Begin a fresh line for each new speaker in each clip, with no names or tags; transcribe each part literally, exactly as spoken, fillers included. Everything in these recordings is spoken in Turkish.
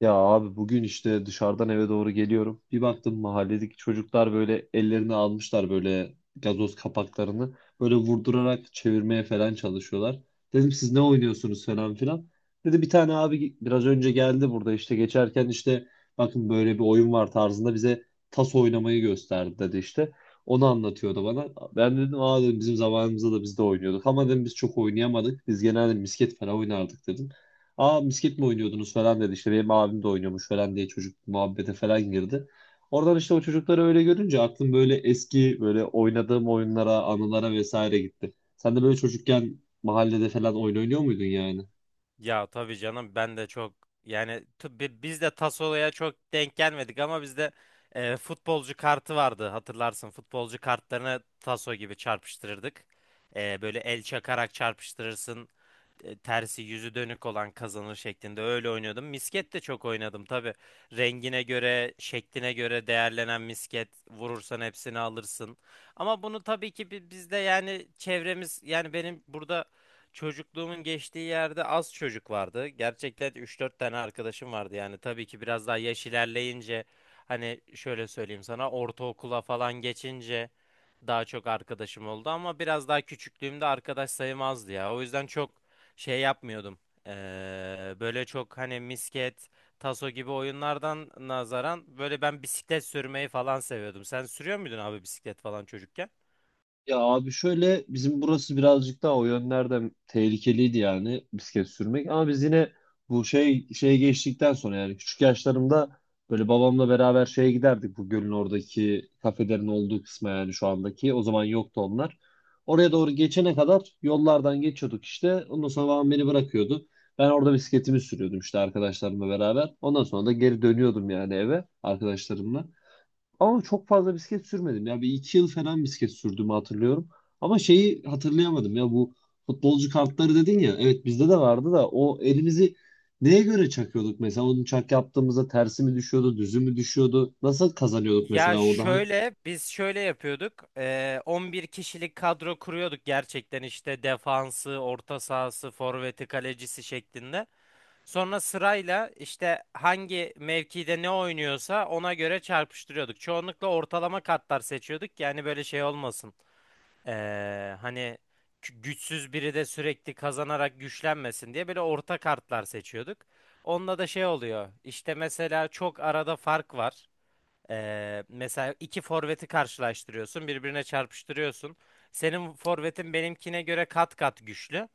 Ya abi bugün işte dışarıdan eve doğru geliyorum. Bir baktım mahalledeki çocuklar böyle ellerini almışlar böyle gazoz kapaklarını. Böyle vurdurarak çevirmeye falan çalışıyorlar. Dedim siz ne oynuyorsunuz falan filan. Dedi bir tane abi biraz önce geldi burada işte geçerken işte bakın böyle bir oyun var tarzında bize tas oynamayı gösterdi dedi işte. Onu anlatıyordu bana. Ben dedim aa dedim bizim zamanımızda da biz de oynuyorduk. Ama dedim biz çok oynayamadık. Biz genelde misket falan oynardık dedim. Aa misket mi oynuyordunuz falan dedi. İşte benim abim de oynuyormuş falan diye çocuk muhabbete falan girdi. Oradan işte o çocukları öyle görünce aklım böyle eski böyle oynadığım oyunlara, anılara vesaire gitti. Sen de böyle çocukken mahallede falan oyun oynuyor muydun yani?
Ya tabii canım ben de çok yani t- bi- biz de Tassola'ya çok denk gelmedik ama bizde e, futbolcu kartı vardı, hatırlarsın, futbolcu kartlarını Taso gibi çarpıştırırdık. E, böyle el çakarak çarpıştırırsın, e, tersi yüzü dönük olan kazanır şeklinde öyle oynuyordum. Misket de çok oynadım tabii. Rengine göre, şekline göre değerlenen misket, vurursan hepsini alırsın. Ama bunu tabii ki bi- bizde, yani çevremiz, yani benim burada çocukluğumun geçtiği yerde az çocuk vardı. Gerçekten üç dört tane arkadaşım vardı, yani tabii ki biraz daha yaş ilerleyince, hani şöyle söyleyeyim sana, ortaokula falan geçince daha çok arkadaşım oldu ama biraz daha küçüklüğümde arkadaş sayım azdı ya. O yüzden çok şey yapmıyordum. Ee, böyle çok hani misket, taso gibi oyunlardan nazaran böyle ben bisiklet sürmeyi falan seviyordum. Sen sürüyor muydun abi, bisiklet falan, çocukken?
Ya abi şöyle bizim burası birazcık daha o yönlerden tehlikeliydi yani bisiklet sürmek, ama biz yine bu şey şeye geçtikten sonra yani küçük yaşlarımda böyle babamla beraber şeye giderdik, bu gölün oradaki kafelerin olduğu kısma, yani şu andaki, o zaman yoktu onlar. Oraya doğru geçene kadar yollardan geçiyorduk işte, ondan sonra babam beni bırakıyordu. Ben orada bisikletimi sürüyordum işte arkadaşlarımla beraber, ondan sonra da geri dönüyordum yani eve arkadaşlarımla. Ama çok fazla bisiklet sürmedim. Ya bir iki yıl falan bisiklet sürdüğümü hatırlıyorum. Ama şeyi hatırlayamadım ya, bu futbolcu kartları dedin ya. Evet, bizde de vardı da o elimizi neye göre çakıyorduk mesela? Onu çak yaptığımızda tersi mi düşüyordu, düzü mü düşüyordu? Nasıl kazanıyorduk
Ya
mesela orada? Hani-
şöyle biz şöyle yapıyorduk. Ee, on bir kişilik kadro kuruyorduk gerçekten, işte defansı, orta sahası, forveti, kalecisi şeklinde. Sonra sırayla işte hangi mevkide ne oynuyorsa ona göre çarpıştırıyorduk. Çoğunlukla ortalama katlar seçiyorduk ki yani böyle şey olmasın. Ee, hani gü- güçsüz biri de sürekli kazanarak güçlenmesin diye böyle orta kartlar seçiyorduk. Onunla da şey oluyor. İşte mesela çok arada fark var. Ee, mesela iki forveti karşılaştırıyorsun, birbirine çarpıştırıyorsun. Senin forvetin benimkine göre kat kat güçlü.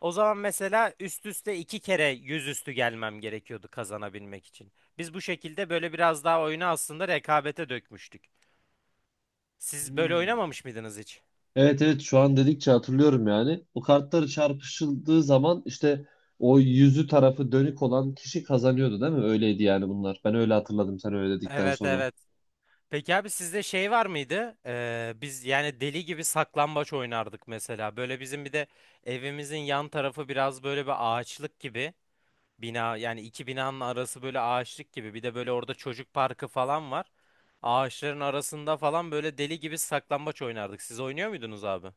O zaman mesela üst üste iki kere yüzüstü gelmem gerekiyordu kazanabilmek için. Biz bu şekilde böyle biraz daha oyunu aslında rekabete dökmüştük. Siz böyle
Hmm.
oynamamış mıydınız hiç?
Evet evet, şu an dedikçe hatırlıyorum yani. O kartları çarpışıldığı zaman işte o yüzü tarafı dönük olan kişi kazanıyordu, değil mi? Öyleydi yani bunlar. Ben öyle hatırladım sen öyle dedikten
Evet,
sonra.
evet. Peki abi, sizde şey var mıydı? Ee, biz yani deli gibi saklambaç oynardık mesela. Böyle bizim bir de evimizin yan tarafı biraz böyle bir ağaçlık gibi. Bina, yani iki binanın arası böyle ağaçlık gibi. Bir de böyle orada çocuk parkı falan var. Ağaçların arasında falan böyle deli gibi saklambaç oynardık. Siz oynuyor muydunuz abi?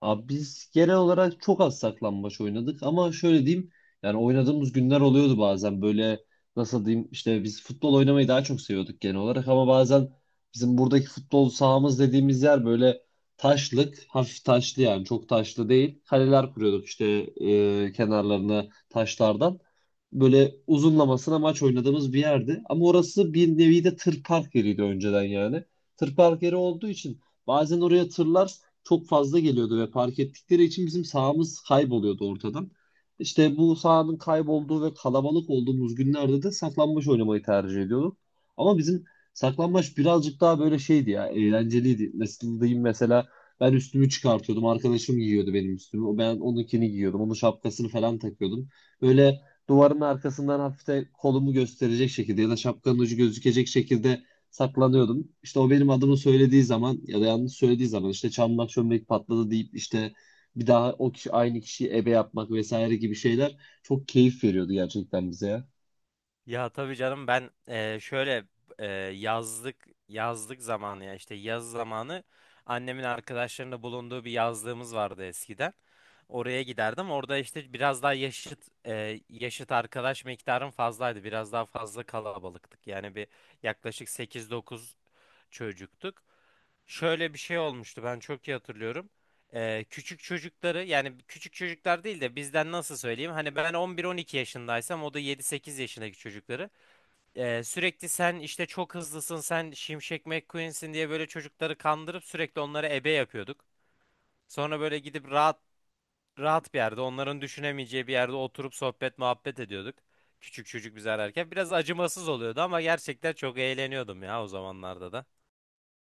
Abi biz genel olarak çok az saklambaç oynadık ama şöyle diyeyim, yani oynadığımız günler oluyordu bazen, böyle nasıl diyeyim, işte biz futbol oynamayı daha çok seviyorduk genel olarak, ama bazen bizim buradaki futbol sahamız dediğimiz yer böyle taşlık, hafif taşlı yani, çok taşlı değil. Kaleler kuruyorduk işte e, kenarlarına taşlardan böyle uzunlamasına maç oynadığımız bir yerdi, ama orası bir nevi de tır park yeriydi önceden. Yani tır park yeri olduğu için bazen oraya tırlar çok fazla geliyordu ve park ettikleri için bizim sahamız kayboluyordu ortadan. İşte bu sahanın kaybolduğu ve kalabalık olduğumuz günlerde de saklambaç oynamayı tercih ediyorduk. Ama bizim saklambaç birazcık daha böyle şeydi ya, eğlenceliydi. Nasıl diyeyim, mesela ben üstümü çıkartıyordum, arkadaşım giyiyordu benim üstümü. Ben onunkini giyiyordum, onun şapkasını falan takıyordum. Böyle duvarın arkasından hafif de kolumu gösterecek şekilde ya da şapkanın ucu gözükecek şekilde saklanıyordum. İşte o benim adımı söylediği zaman ya da yanlış söylediği zaman işte çamlak çömlek patladı deyip işte bir daha o kişi aynı kişiyi ebe yapmak vesaire gibi şeyler çok keyif veriyordu gerçekten bize ya.
Ya tabii canım, ben e, şöyle, e, yazlık yazlık zamanı ya, işte yaz zamanı annemin arkadaşlarında bulunduğu bir yazlığımız vardı eskiden. Oraya giderdim. Orada işte biraz daha yaşıt e, yaşıt arkadaş miktarım fazlaydı. Biraz daha fazla kalabalıktık. Yani bir yaklaşık sekiz dokuz çocuktuk. Şöyle bir şey olmuştu, ben çok iyi hatırlıyorum. Ee, küçük çocukları, yani küçük çocuklar değil de bizden, nasıl söyleyeyim, hani ben on bir on iki yaşındaysam, o da yedi sekiz yaşındaki çocukları ee, sürekli sen işte çok hızlısın, sen Şimşek McQueen'sin diye böyle çocukları kandırıp sürekli onlara ebe yapıyorduk. Sonra böyle gidip rahat rahat bir yerde, onların düşünemeyeceği bir yerde oturup sohbet muhabbet ediyorduk. Küçük çocuk bizi ararken biraz acımasız oluyordu ama gerçekten çok eğleniyordum ya o zamanlarda da.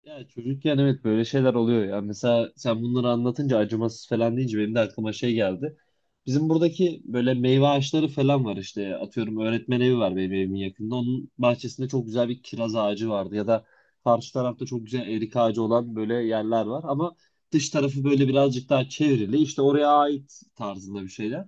Ya çocukken evet böyle şeyler oluyor ya. Mesela sen bunları anlatınca acımasız falan deyince benim de aklıma şey geldi. Bizim buradaki böyle meyve ağaçları falan var işte. Atıyorum, öğretmen evi var benim evimin yakında. Onun bahçesinde çok güzel bir kiraz ağacı vardı. Ya da karşı tarafta çok güzel erik ağacı olan böyle yerler var. Ama dış tarafı böyle birazcık daha çevrili. İşte oraya ait tarzında bir şeyler.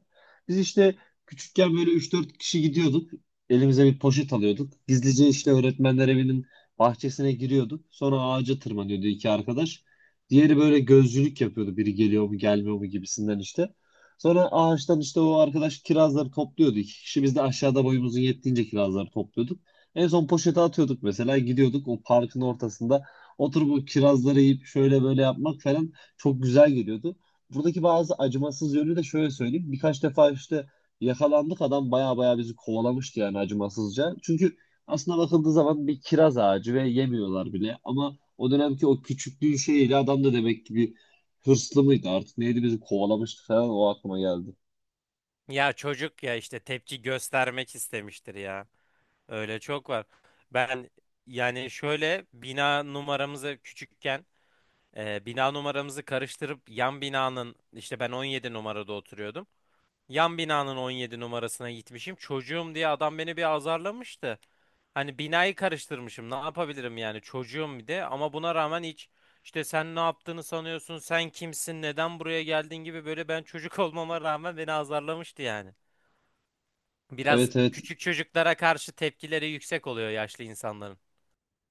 Biz işte küçükken böyle üç dört kişi gidiyorduk. Elimize bir poşet alıyorduk. Gizlice işte öğretmenler evinin bahçesine giriyorduk. Sonra ağaca tırmanıyordu iki arkadaş. Diğeri böyle gözcülük yapıyordu, biri geliyor mu gelmiyor mu gibisinden işte. Sonra ağaçtan işte o arkadaş kirazları topluyordu. İki kişi biz de aşağıda boyumuzun yettiğince kirazları topluyorduk. En son poşete atıyorduk, mesela gidiyorduk o parkın ortasında oturup o kirazları yiyip şöyle böyle yapmak falan çok güzel geliyordu. Buradaki bazı acımasız yönü de şöyle söyleyeyim. Birkaç defa işte yakalandık, adam baya baya bizi kovalamıştı yani, acımasızca. Çünkü aslında bakıldığı zaman bir kiraz ağacı ve yemiyorlar bile. Ama o dönemki o küçüklüğün şeyiyle adam da demek ki bir hırslı mıydı artık neydi, bizi kovalamıştı falan, o aklıma geldi.
Ya çocuk ya, işte tepki göstermek istemiştir ya. Öyle çok var. Ben yani şöyle, bina numaramızı küçükken, e, bina numaramızı karıştırıp yan binanın, işte ben on yedi numarada oturuyordum. Yan binanın on yedi numarasına gitmişim. Çocuğum diye adam beni bir azarlamıştı. Hani binayı karıştırmışım. Ne yapabilirim yani, çocuğum bir de, ama buna rağmen hiç, işte sen ne yaptığını sanıyorsun, sen kimsin, neden buraya geldin gibi, böyle ben çocuk olmama rağmen beni azarlamıştı yani. Biraz
Evet evet.
küçük çocuklara karşı tepkileri yüksek oluyor yaşlı insanların.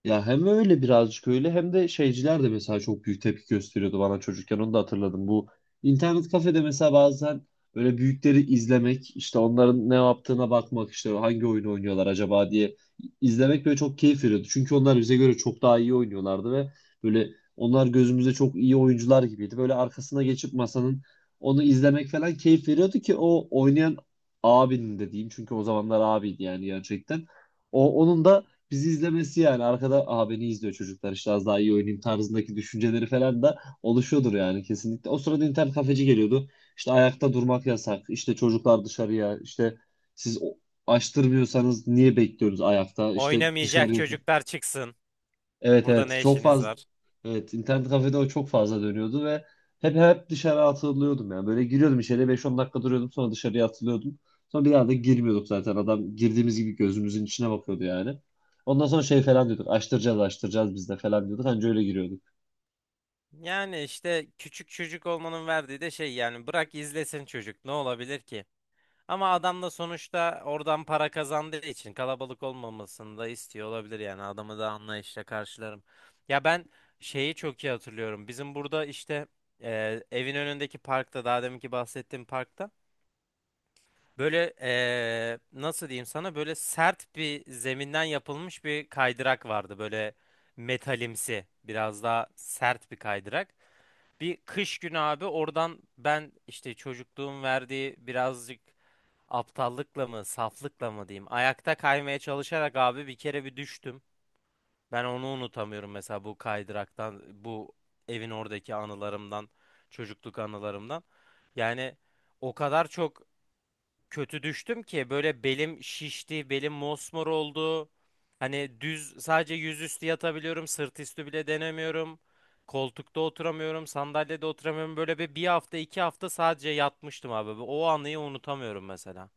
Ya hem öyle birazcık öyle hem de şeyciler de mesela çok büyük tepki gösteriyordu bana çocukken, onu da hatırladım. Bu internet kafede mesela bazen böyle büyükleri izlemek, işte onların ne yaptığına bakmak, işte hangi oyunu oynuyorlar acaba diye izlemek böyle çok keyif veriyordu. Çünkü onlar bize göre çok daha iyi oynuyorlardı ve böyle onlar gözümüzde çok iyi oyuncular gibiydi. Böyle arkasına geçip masanın onu izlemek falan keyif veriyordu, ki o oynayan abinin de diyeyim, çünkü o zamanlar abiydi yani gerçekten. O, onun da bizi izlemesi, yani arkada aa, beni izliyor çocuklar işte az daha iyi oynayayım tarzındaki düşünceleri falan da oluşuyordur yani kesinlikle. O sırada internet kafeci geliyordu. İşte ayakta durmak yasak. İşte çocuklar dışarıya, işte siz o- açtırmıyorsanız niye bekliyoruz ayakta? İşte dışarı.
Oynamayacak çocuklar çıksın.
Evet
Burada
evet,
ne
çok
işiniz
fazla
var?
evet, internet kafede o çok fazla dönüyordu ve hep hep dışarı atılıyordum. Yani böyle giriyordum içeriye, beş on dakika duruyordum, sonra dışarıya atılıyordum, sonra bir daha da girmiyorduk. Zaten adam girdiğimiz gibi gözümüzün içine bakıyordu yani, ondan sonra şey falan diyorduk, açtıracağız açtıracağız biz de falan diyorduk, anca öyle giriyorduk.
Yani işte küçük çocuk olmanın verdiği de şey, yani bırak izlesin çocuk, ne olabilir ki? Ama adam da sonuçta oradan para kazandığı için kalabalık olmamasını da istiyor olabilir, yani adamı da anlayışla karşılarım. Ya ben şeyi çok iyi hatırlıyorum. Bizim burada işte, e, evin önündeki parkta, daha deminki bahsettiğim parkta, böyle eee, nasıl diyeyim sana, böyle sert bir zeminden yapılmış bir kaydırak vardı. Böyle metalimsi, biraz daha sert bir kaydırak. Bir kış günü abi, oradan ben işte çocukluğum verdiği birazcık aptallıkla mı saflıkla mı diyeyim, ayakta kaymaya çalışarak abi bir kere bir düştüm. Ben onu unutamıyorum mesela, bu kaydıraktan, bu evin oradaki anılarımdan, çocukluk anılarımdan. Yani o kadar çok kötü düştüm ki böyle belim şişti, belim mosmor oldu. Hani düz sadece yüzüstü yatabiliyorum, sırt üstü bile denemiyorum. Koltukta oturamıyorum, sandalyede oturamıyorum. Böyle bir, bir hafta, iki hafta sadece yatmıştım abi. O anıyı unutamıyorum mesela.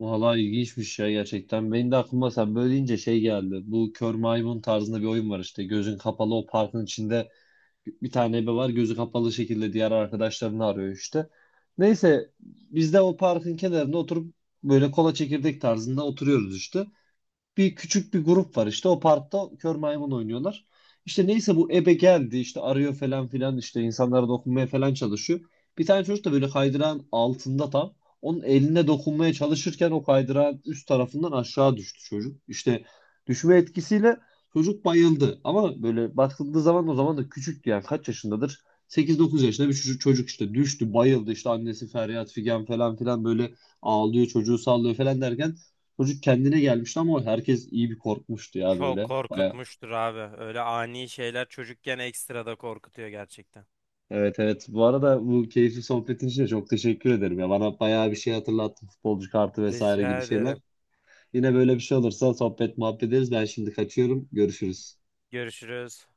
Valla ilginçmiş ya, gerçekten benim de aklıma sen böyle deyince şey geldi. Bu kör maymun tarzında bir oyun var işte, gözün kapalı o parkın içinde bir tane ebe var, gözü kapalı şekilde diğer arkadaşlarını arıyor işte. Neyse, biz de o parkın kenarında oturup böyle kola çekirdek tarzında oturuyoruz işte, bir küçük bir grup var işte o parkta, kör maymun oynuyorlar. İşte neyse, bu ebe geldi işte arıyor falan filan, işte insanlara dokunmaya falan çalışıyor. Bir tane çocuk da böyle kaydırağın altında tam onun eline dokunmaya çalışırken o kaydırağın üst tarafından aşağı düştü çocuk. İşte düşme etkisiyle çocuk bayıldı. Ama böyle bakıldığı zaman o zaman da küçüktü, yani kaç yaşındadır, sekiz dokuz yaşında bir çocuk, çocuk işte düştü, bayıldı, işte annesi feryat figan falan filan, böyle ağlıyor, çocuğu sallıyor falan derken çocuk kendine gelmişti. Ama herkes iyi bir korkmuştu ya
Çok
böyle. Baya.
korkutmuştur abi. Öyle ani şeyler çocukken ekstra da korkutuyor gerçekten.
Evet evet. Bu arada bu keyifli sohbetin için de çok teşekkür ederim ya. Bana bayağı bir şey hatırlattın. Futbolcu kartı vesaire
Rica
gibi şeyler.
ederim.
Yine böyle bir şey olursa sohbet muhabbet ederiz. Ben şimdi kaçıyorum. Görüşürüz.
Görüşürüz.